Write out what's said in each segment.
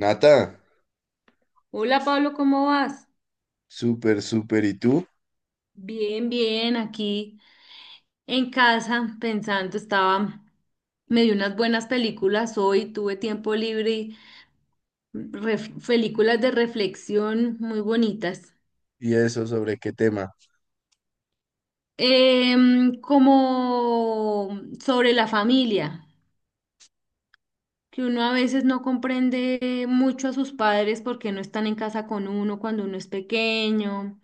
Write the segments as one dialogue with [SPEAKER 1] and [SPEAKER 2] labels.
[SPEAKER 1] Nata,
[SPEAKER 2] Hola Pablo, ¿cómo vas?
[SPEAKER 1] súper, súper. ¿Y tú?
[SPEAKER 2] Bien, bien, aquí en casa pensando, estaba, me di unas buenas películas hoy, tuve tiempo libre y películas de reflexión muy bonitas.
[SPEAKER 1] ¿Y eso sobre qué tema?
[SPEAKER 2] Como sobre la familia, que uno a veces no comprende mucho a sus padres porque no están en casa con uno cuando uno es pequeño.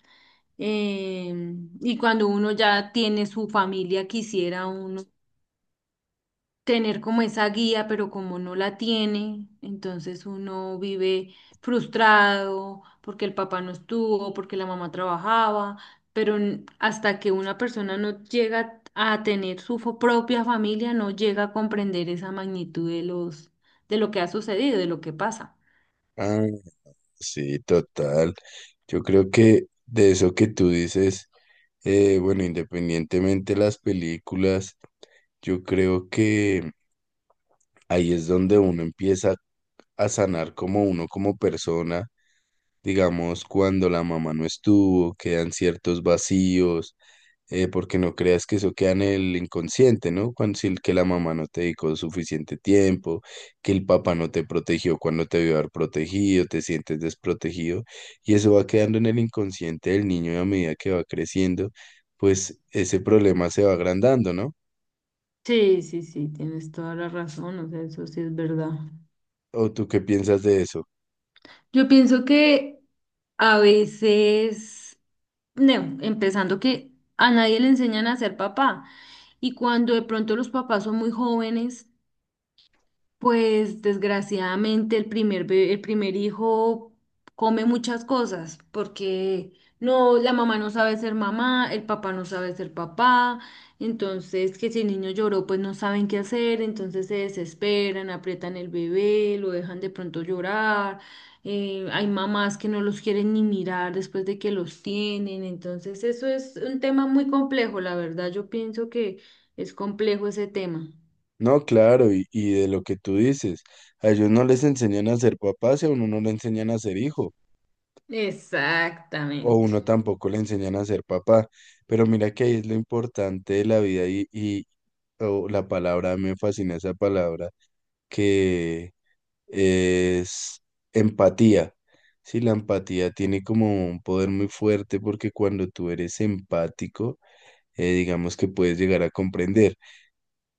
[SPEAKER 2] Y cuando uno ya tiene su familia, quisiera uno tener como esa guía, pero como no la tiene, entonces uno vive frustrado porque el papá no estuvo, porque la mamá trabajaba, pero hasta que una persona no llega a tener su propia familia, no llega a comprender esa magnitud de lo que ha sucedido, de lo que pasa.
[SPEAKER 1] Ah, sí, total. Yo creo que de eso que tú dices, bueno, independientemente de las películas, yo creo que ahí es donde uno empieza a sanar como uno, como persona. Digamos, cuando la mamá no estuvo, quedan ciertos vacíos, porque no creas que eso queda en el inconsciente, ¿no? Cuando, si el que la mamá no te dedicó suficiente tiempo, que el papá no te protegió cuando te vio haber protegido, te sientes desprotegido, y eso va quedando en el inconsciente del niño y a medida que va creciendo, pues ese problema se va agrandando, ¿no?
[SPEAKER 2] Sí, sí, sí, tienes toda la razón, o sea, eso sí es verdad.
[SPEAKER 1] ¿O tú qué piensas de eso?
[SPEAKER 2] Yo pienso que a veces, no, empezando que a nadie le enseñan a ser papá y cuando de pronto los papás son muy jóvenes, pues desgraciadamente el el primer hijo come muchas cosas porque no, la mamá no sabe ser mamá, el papá no sabe ser papá, entonces que si el niño lloró pues no saben qué hacer, entonces se desesperan, aprietan el bebé, lo dejan de pronto llorar. Hay mamás que no los quieren ni mirar después de que los tienen, entonces eso es un tema muy complejo, la verdad yo pienso que es complejo ese tema.
[SPEAKER 1] No, claro, y de lo que tú dices, a ellos no les enseñan a ser papás y a uno no le enseñan a ser hijo. O
[SPEAKER 2] Exactamente.
[SPEAKER 1] uno tampoco le enseñan a ser papá. Pero mira que ahí es lo importante de la vida y o la palabra, me fascina esa palabra, que es empatía. Sí, la empatía tiene como un poder muy fuerte porque cuando tú eres empático, digamos que puedes llegar a comprender.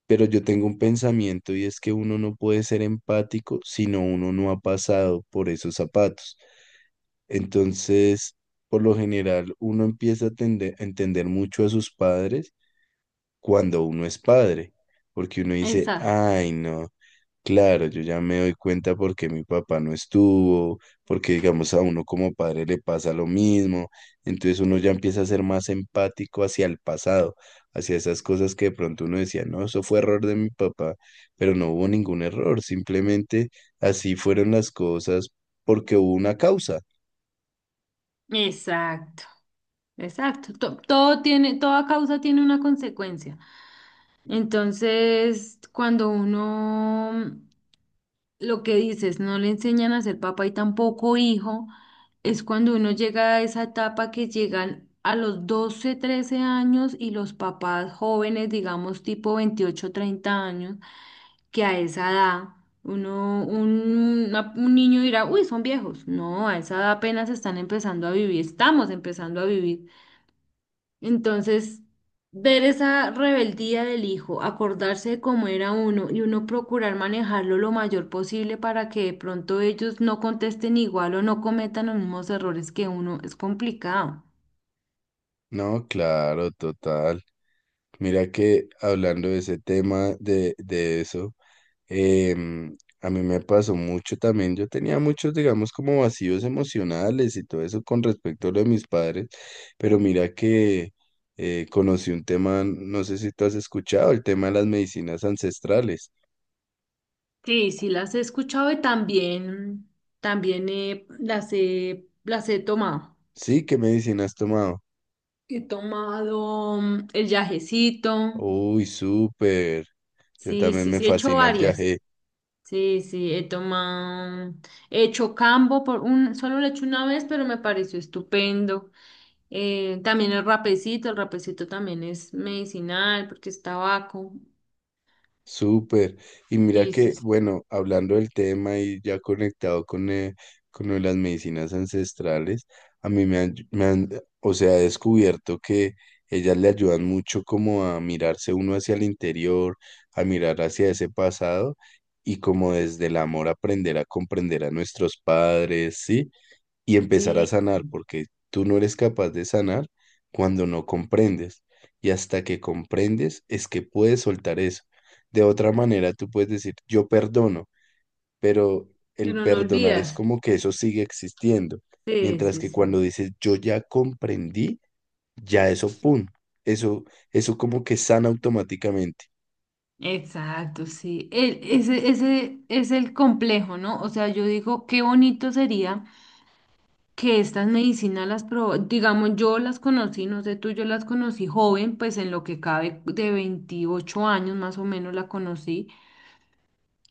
[SPEAKER 1] Pero yo tengo un pensamiento y es que uno no puede ser empático si no uno no ha pasado por esos zapatos. Entonces, por lo general, uno empieza a entender mucho a sus padres cuando uno es padre, porque uno dice,
[SPEAKER 2] Exacto,
[SPEAKER 1] ay, no, claro, yo ya me doy cuenta porque mi papá no estuvo, porque digamos a uno como padre le pasa lo mismo, entonces uno ya empieza a ser más empático hacia el pasado, hacia esas cosas que de pronto uno decía, no, eso fue error de mi papá, pero no hubo ningún error, simplemente así fueron las cosas porque hubo una causa.
[SPEAKER 2] exacto, exacto. Toda causa tiene una consecuencia. Entonces, cuando uno, lo que dices, no le enseñan a ser papá y tampoco hijo, es cuando uno llega a esa etapa que llegan a los 12, 13 años y los papás jóvenes, digamos tipo 28, 30 años. Que a esa edad un niño dirá, uy, son viejos. No, a esa edad apenas están empezando a vivir, estamos empezando a vivir. Entonces, ver esa rebeldía del hijo, acordarse de cómo era uno y uno procurar manejarlo lo mayor posible para que de pronto ellos no contesten igual o no cometan los mismos errores que uno, es complicado.
[SPEAKER 1] No, claro, total. Mira que hablando de ese tema, de eso, a mí me pasó mucho también. Yo tenía muchos, digamos, como vacíos emocionales y todo eso con respecto a lo de mis padres, pero mira que conocí un tema, no sé si tú has escuchado, el tema de las medicinas ancestrales.
[SPEAKER 2] Sí, sí las he escuchado y también, las he tomado.
[SPEAKER 1] Sí, ¿qué medicina has tomado?
[SPEAKER 2] He tomado el yajecito.
[SPEAKER 1] Uy, súper. Yo
[SPEAKER 2] Sí,
[SPEAKER 1] también
[SPEAKER 2] sí,
[SPEAKER 1] me
[SPEAKER 2] sí, he hecho
[SPEAKER 1] fascina el
[SPEAKER 2] varias.
[SPEAKER 1] yagé.
[SPEAKER 2] Sí, sí, he tomado, he hecho cambo solo lo he hecho una vez, pero me pareció estupendo. También el rapecito también es medicinal porque es tabaco.
[SPEAKER 1] Súper. Y mira
[SPEAKER 2] Sí, sí,
[SPEAKER 1] que,
[SPEAKER 2] sí.
[SPEAKER 1] bueno, hablando del tema y ya conectado con lo de las medicinas ancestrales, a mí me han, o sea, he descubierto que ellas le ayudan mucho como a mirarse uno hacia el interior, a mirar hacia ese pasado y como desde el amor aprender a comprender a nuestros padres, ¿sí? Y empezar a
[SPEAKER 2] Sí,
[SPEAKER 1] sanar, porque tú no eres capaz de sanar cuando no comprendes. Y hasta que comprendes es que puedes soltar eso. De otra manera, tú puedes decir, yo perdono, pero el
[SPEAKER 2] pero no
[SPEAKER 1] perdonar es
[SPEAKER 2] olvidas.
[SPEAKER 1] como que eso sigue existiendo.
[SPEAKER 2] Sí,
[SPEAKER 1] Mientras
[SPEAKER 2] sí,
[SPEAKER 1] que cuando
[SPEAKER 2] sí.
[SPEAKER 1] dices, yo ya comprendí, ya eso, pum, eso, eso como que sana automáticamente.
[SPEAKER 2] Exacto, sí. Ese es el complejo, ¿no? O sea, yo digo, qué bonito sería que estas medicinas las probó, digamos, yo las conocí, no sé tú, yo las conocí joven, pues en lo que cabe de 28 años más o menos la conocí.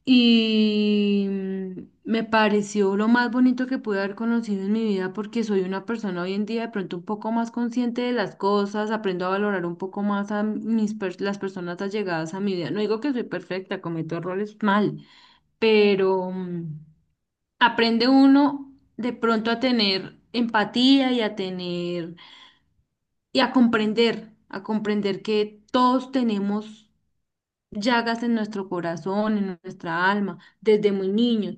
[SPEAKER 2] Y me pareció lo más bonito que pude haber conocido en mi vida porque soy una persona hoy en día de pronto un poco más consciente de las cosas, aprendo a valorar un poco más a las personas allegadas a mi vida. No digo que soy perfecta, cometo errores mal, pero aprende uno de pronto a tener empatía y a comprender que todos tenemos llagas en nuestro corazón, en nuestra alma, desde muy niños.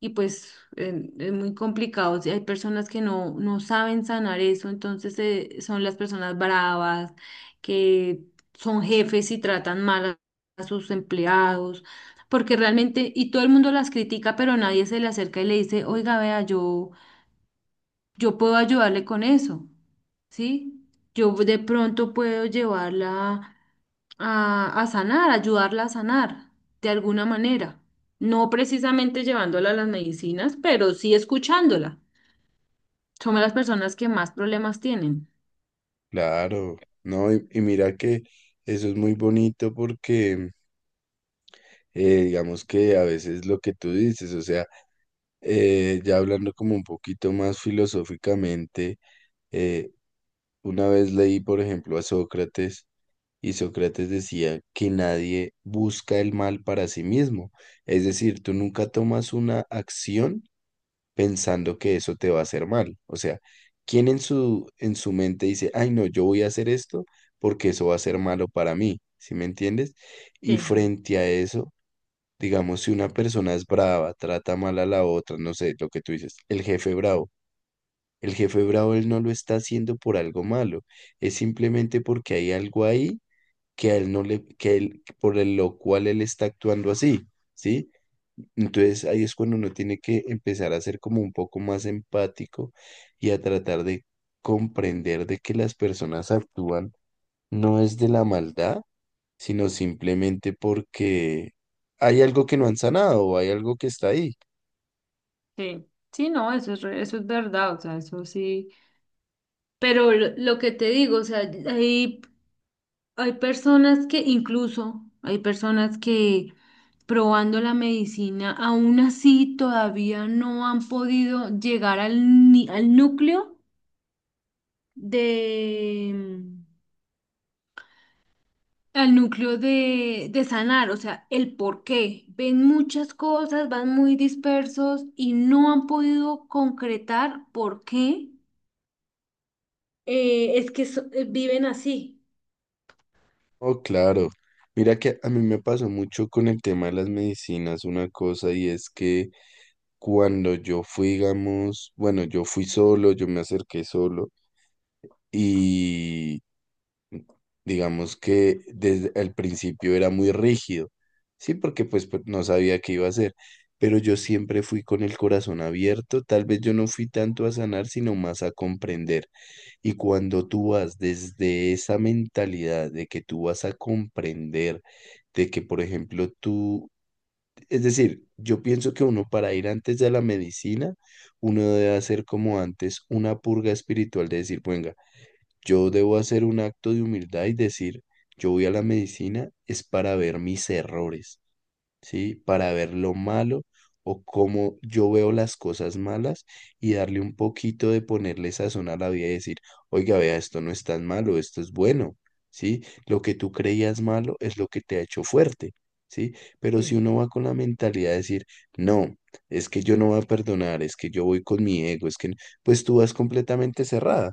[SPEAKER 2] Y pues es muy complicado. O sea, hay personas que no saben sanar eso, entonces son las personas bravas, que son jefes y tratan mal a sus empleados, porque realmente, y todo el mundo las critica, pero nadie se le acerca y le dice, oiga, vea, yo puedo ayudarle con eso, ¿sí? Yo de pronto puedo llevarla a sanar, ayudarla a sanar de alguna manera. No precisamente llevándola a las medicinas, pero sí escuchándola. Somos las personas que más problemas tienen.
[SPEAKER 1] Claro, no, y mira que eso es muy bonito porque digamos que a veces lo que tú dices, o sea, ya hablando como un poquito más filosóficamente, eh, una vez leí, por ejemplo, a Sócrates y Sócrates decía que nadie busca el mal para sí mismo. Es decir, tú nunca tomas una acción pensando que eso te va a hacer mal. O sea, ¿quién en su mente dice, ay, no, yo voy a hacer esto porque eso va a ser malo para mí? ¿Sí me entiendes? Y
[SPEAKER 2] Sí,
[SPEAKER 1] frente a eso... Digamos, si una persona es brava, trata mal a la otra, no sé, lo que tú dices, el jefe bravo. El jefe bravo él no lo está haciendo por algo malo, es simplemente porque hay algo ahí que a él no le, que él, lo cual él está actuando así, ¿sí? Entonces ahí es cuando uno tiene que empezar a ser como un poco más empático y a tratar de comprender de que las personas actúan no es de la maldad, sino simplemente porque hay algo que no han sanado o hay algo que está ahí.
[SPEAKER 2] sí, sí, no, eso es, eso es verdad, o sea, eso sí. Pero lo que te digo, o sea, hay, hay personas que incluso, hay personas que probando la medicina, aún así todavía no han podido llegar al, ni- al núcleo de, de sanar, o sea, el por qué. Ven muchas cosas, van muy dispersos y no han podido concretar por qué viven así.
[SPEAKER 1] Oh, claro. Mira que a mí me pasó mucho con el tema de las medicinas una cosa y es que cuando yo fui, digamos, bueno, yo fui solo, yo me acerqué solo y digamos que desde el principio era muy rígido, sí, porque pues no sabía qué iba a hacer, pero yo siempre fui con el corazón abierto, tal vez yo no fui tanto a sanar, sino más a comprender. Y cuando tú vas desde esa mentalidad de que tú vas a comprender, de que, por ejemplo, es decir, yo pienso que uno para ir antes de la medicina, uno debe hacer como antes una purga espiritual de decir, venga, yo debo hacer un acto de humildad y decir, yo voy a la medicina es para ver mis errores. ¿Sí? Para ver lo malo o cómo yo veo las cosas malas y darle un poquito de ponerle sazón a la vida y decir, oiga, vea, esto no es tan malo, esto es bueno, ¿sí? Lo que tú creías malo es lo que te ha hecho fuerte, ¿sí? Pero si
[SPEAKER 2] Sí,
[SPEAKER 1] uno va con la mentalidad de decir, no, es que yo no voy a perdonar, es que yo voy con mi ego, es que, no", pues tú vas completamente cerrada.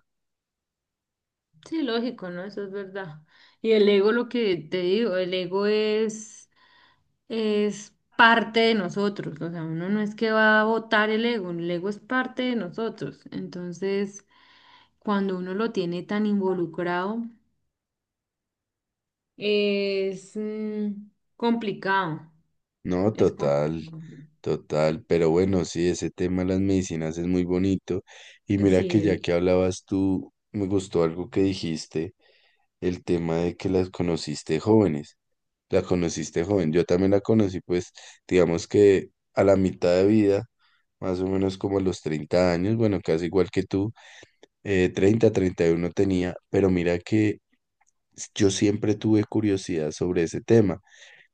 [SPEAKER 2] sí, lógico, ¿no? Eso es verdad. Y el ego, lo que te digo, el ego es parte de nosotros, o sea, uno no es que va a votar el ego es parte de nosotros. Entonces, cuando uno lo tiene tan involucrado, es complicado,
[SPEAKER 1] No,
[SPEAKER 2] es
[SPEAKER 1] total.
[SPEAKER 2] complicado.
[SPEAKER 1] Total, pero bueno, sí, ese tema de las medicinas es muy bonito. Y mira
[SPEAKER 2] Sí,
[SPEAKER 1] que ya que hablabas tú, me gustó algo que dijiste, el tema de que las conociste jóvenes. La conociste joven. Yo también la conocí, pues, digamos que a la mitad de vida, más o menos como a los 30 años, bueno, casi igual que tú, 30, 31 tenía, pero mira que yo siempre tuve curiosidad sobre ese tema.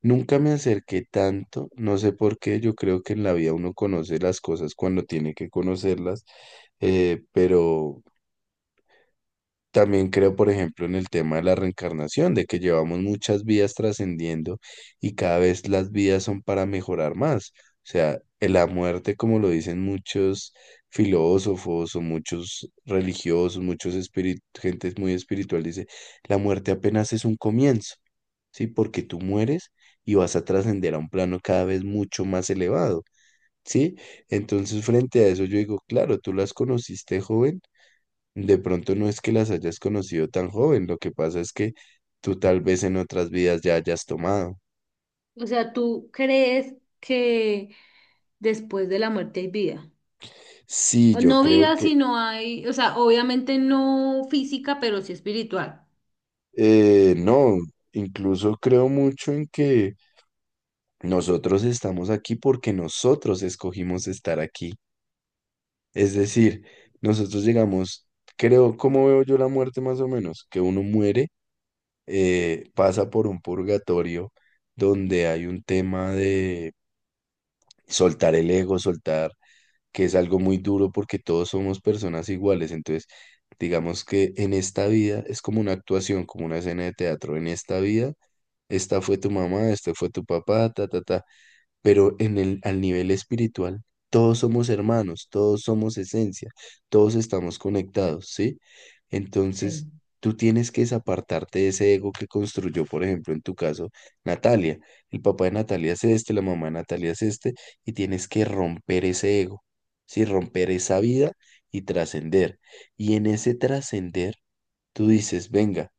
[SPEAKER 1] Nunca me acerqué tanto, no sé por qué, yo creo que en la vida uno conoce las cosas cuando tiene que conocerlas, pero... También creo, por ejemplo, en el tema de la reencarnación, de que llevamos muchas vidas trascendiendo y cada vez las vidas son para mejorar más. O sea, en la muerte, como lo dicen muchos filósofos o muchos religiosos, muchos espíritus, gente muy espiritual, dice, la muerte apenas es un comienzo, ¿sí? Porque tú mueres y vas a trascender a un plano cada vez mucho más elevado, ¿sí? Entonces, frente a eso, yo digo, claro, tú las conociste joven, de pronto no es que las hayas conocido tan joven, lo que pasa es que tú tal vez en otras vidas ya hayas tomado.
[SPEAKER 2] o sea, ¿tú crees que después de la muerte hay vida?
[SPEAKER 1] Sí,
[SPEAKER 2] O
[SPEAKER 1] yo
[SPEAKER 2] no
[SPEAKER 1] creo
[SPEAKER 2] vida,
[SPEAKER 1] que
[SPEAKER 2] sino hay, o sea, obviamente no física, pero sí espiritual.
[SPEAKER 1] no, incluso creo mucho en que nosotros estamos aquí porque nosotros escogimos estar aquí. Es decir, nosotros llegamos, creo, ¿cómo veo yo la muerte más o menos? Que uno muere, pasa por un purgatorio donde hay un tema de soltar el ego, soltar que es algo muy duro porque todos somos personas iguales. Entonces, digamos que en esta vida es como una actuación, como una escena de teatro. En esta vida, esta fue tu mamá, este fue tu papá, ta, ta, ta, pero en el, al nivel espiritual, todos somos hermanos, todos somos esencia, todos estamos conectados, ¿sí? Entonces,
[SPEAKER 2] Sí.
[SPEAKER 1] tú tienes que desapartarte de ese ego que construyó, por ejemplo, en tu caso, Natalia. El papá de Natalia es este, la mamá de Natalia es este, y tienes que romper ese ego, ¿sí? Romper esa vida y trascender. Y en ese trascender, tú dices, venga.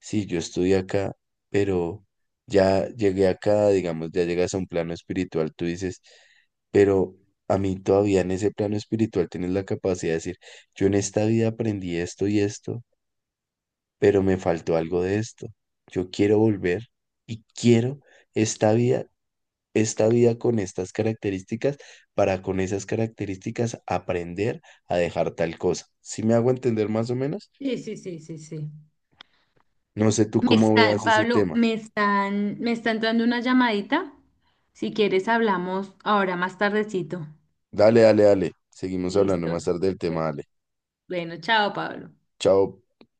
[SPEAKER 1] Sí, yo estudié acá, pero ya llegué acá, digamos, ya llegas a un plano espiritual, tú dices, pero a mí todavía en ese plano espiritual tienes la capacidad de decir, yo en esta vida aprendí esto y esto, pero me faltó algo de esto. Yo quiero volver y quiero esta vida, esta vida con estas características, para con esas características aprender a dejar tal cosa. ¿Sí me hago entender más o menos?
[SPEAKER 2] Sí, sí, sí, sí, sí.
[SPEAKER 1] No sé tú
[SPEAKER 2] Me
[SPEAKER 1] cómo veas
[SPEAKER 2] están,
[SPEAKER 1] ese
[SPEAKER 2] Pablo,
[SPEAKER 1] tema.
[SPEAKER 2] me está entrando una llamadita. Si quieres, hablamos ahora más tardecito.
[SPEAKER 1] Dale, dale, dale. Seguimos hablando
[SPEAKER 2] Listo.
[SPEAKER 1] más tarde del tema, dale.
[SPEAKER 2] Bueno, chao, Pablo.
[SPEAKER 1] Chao.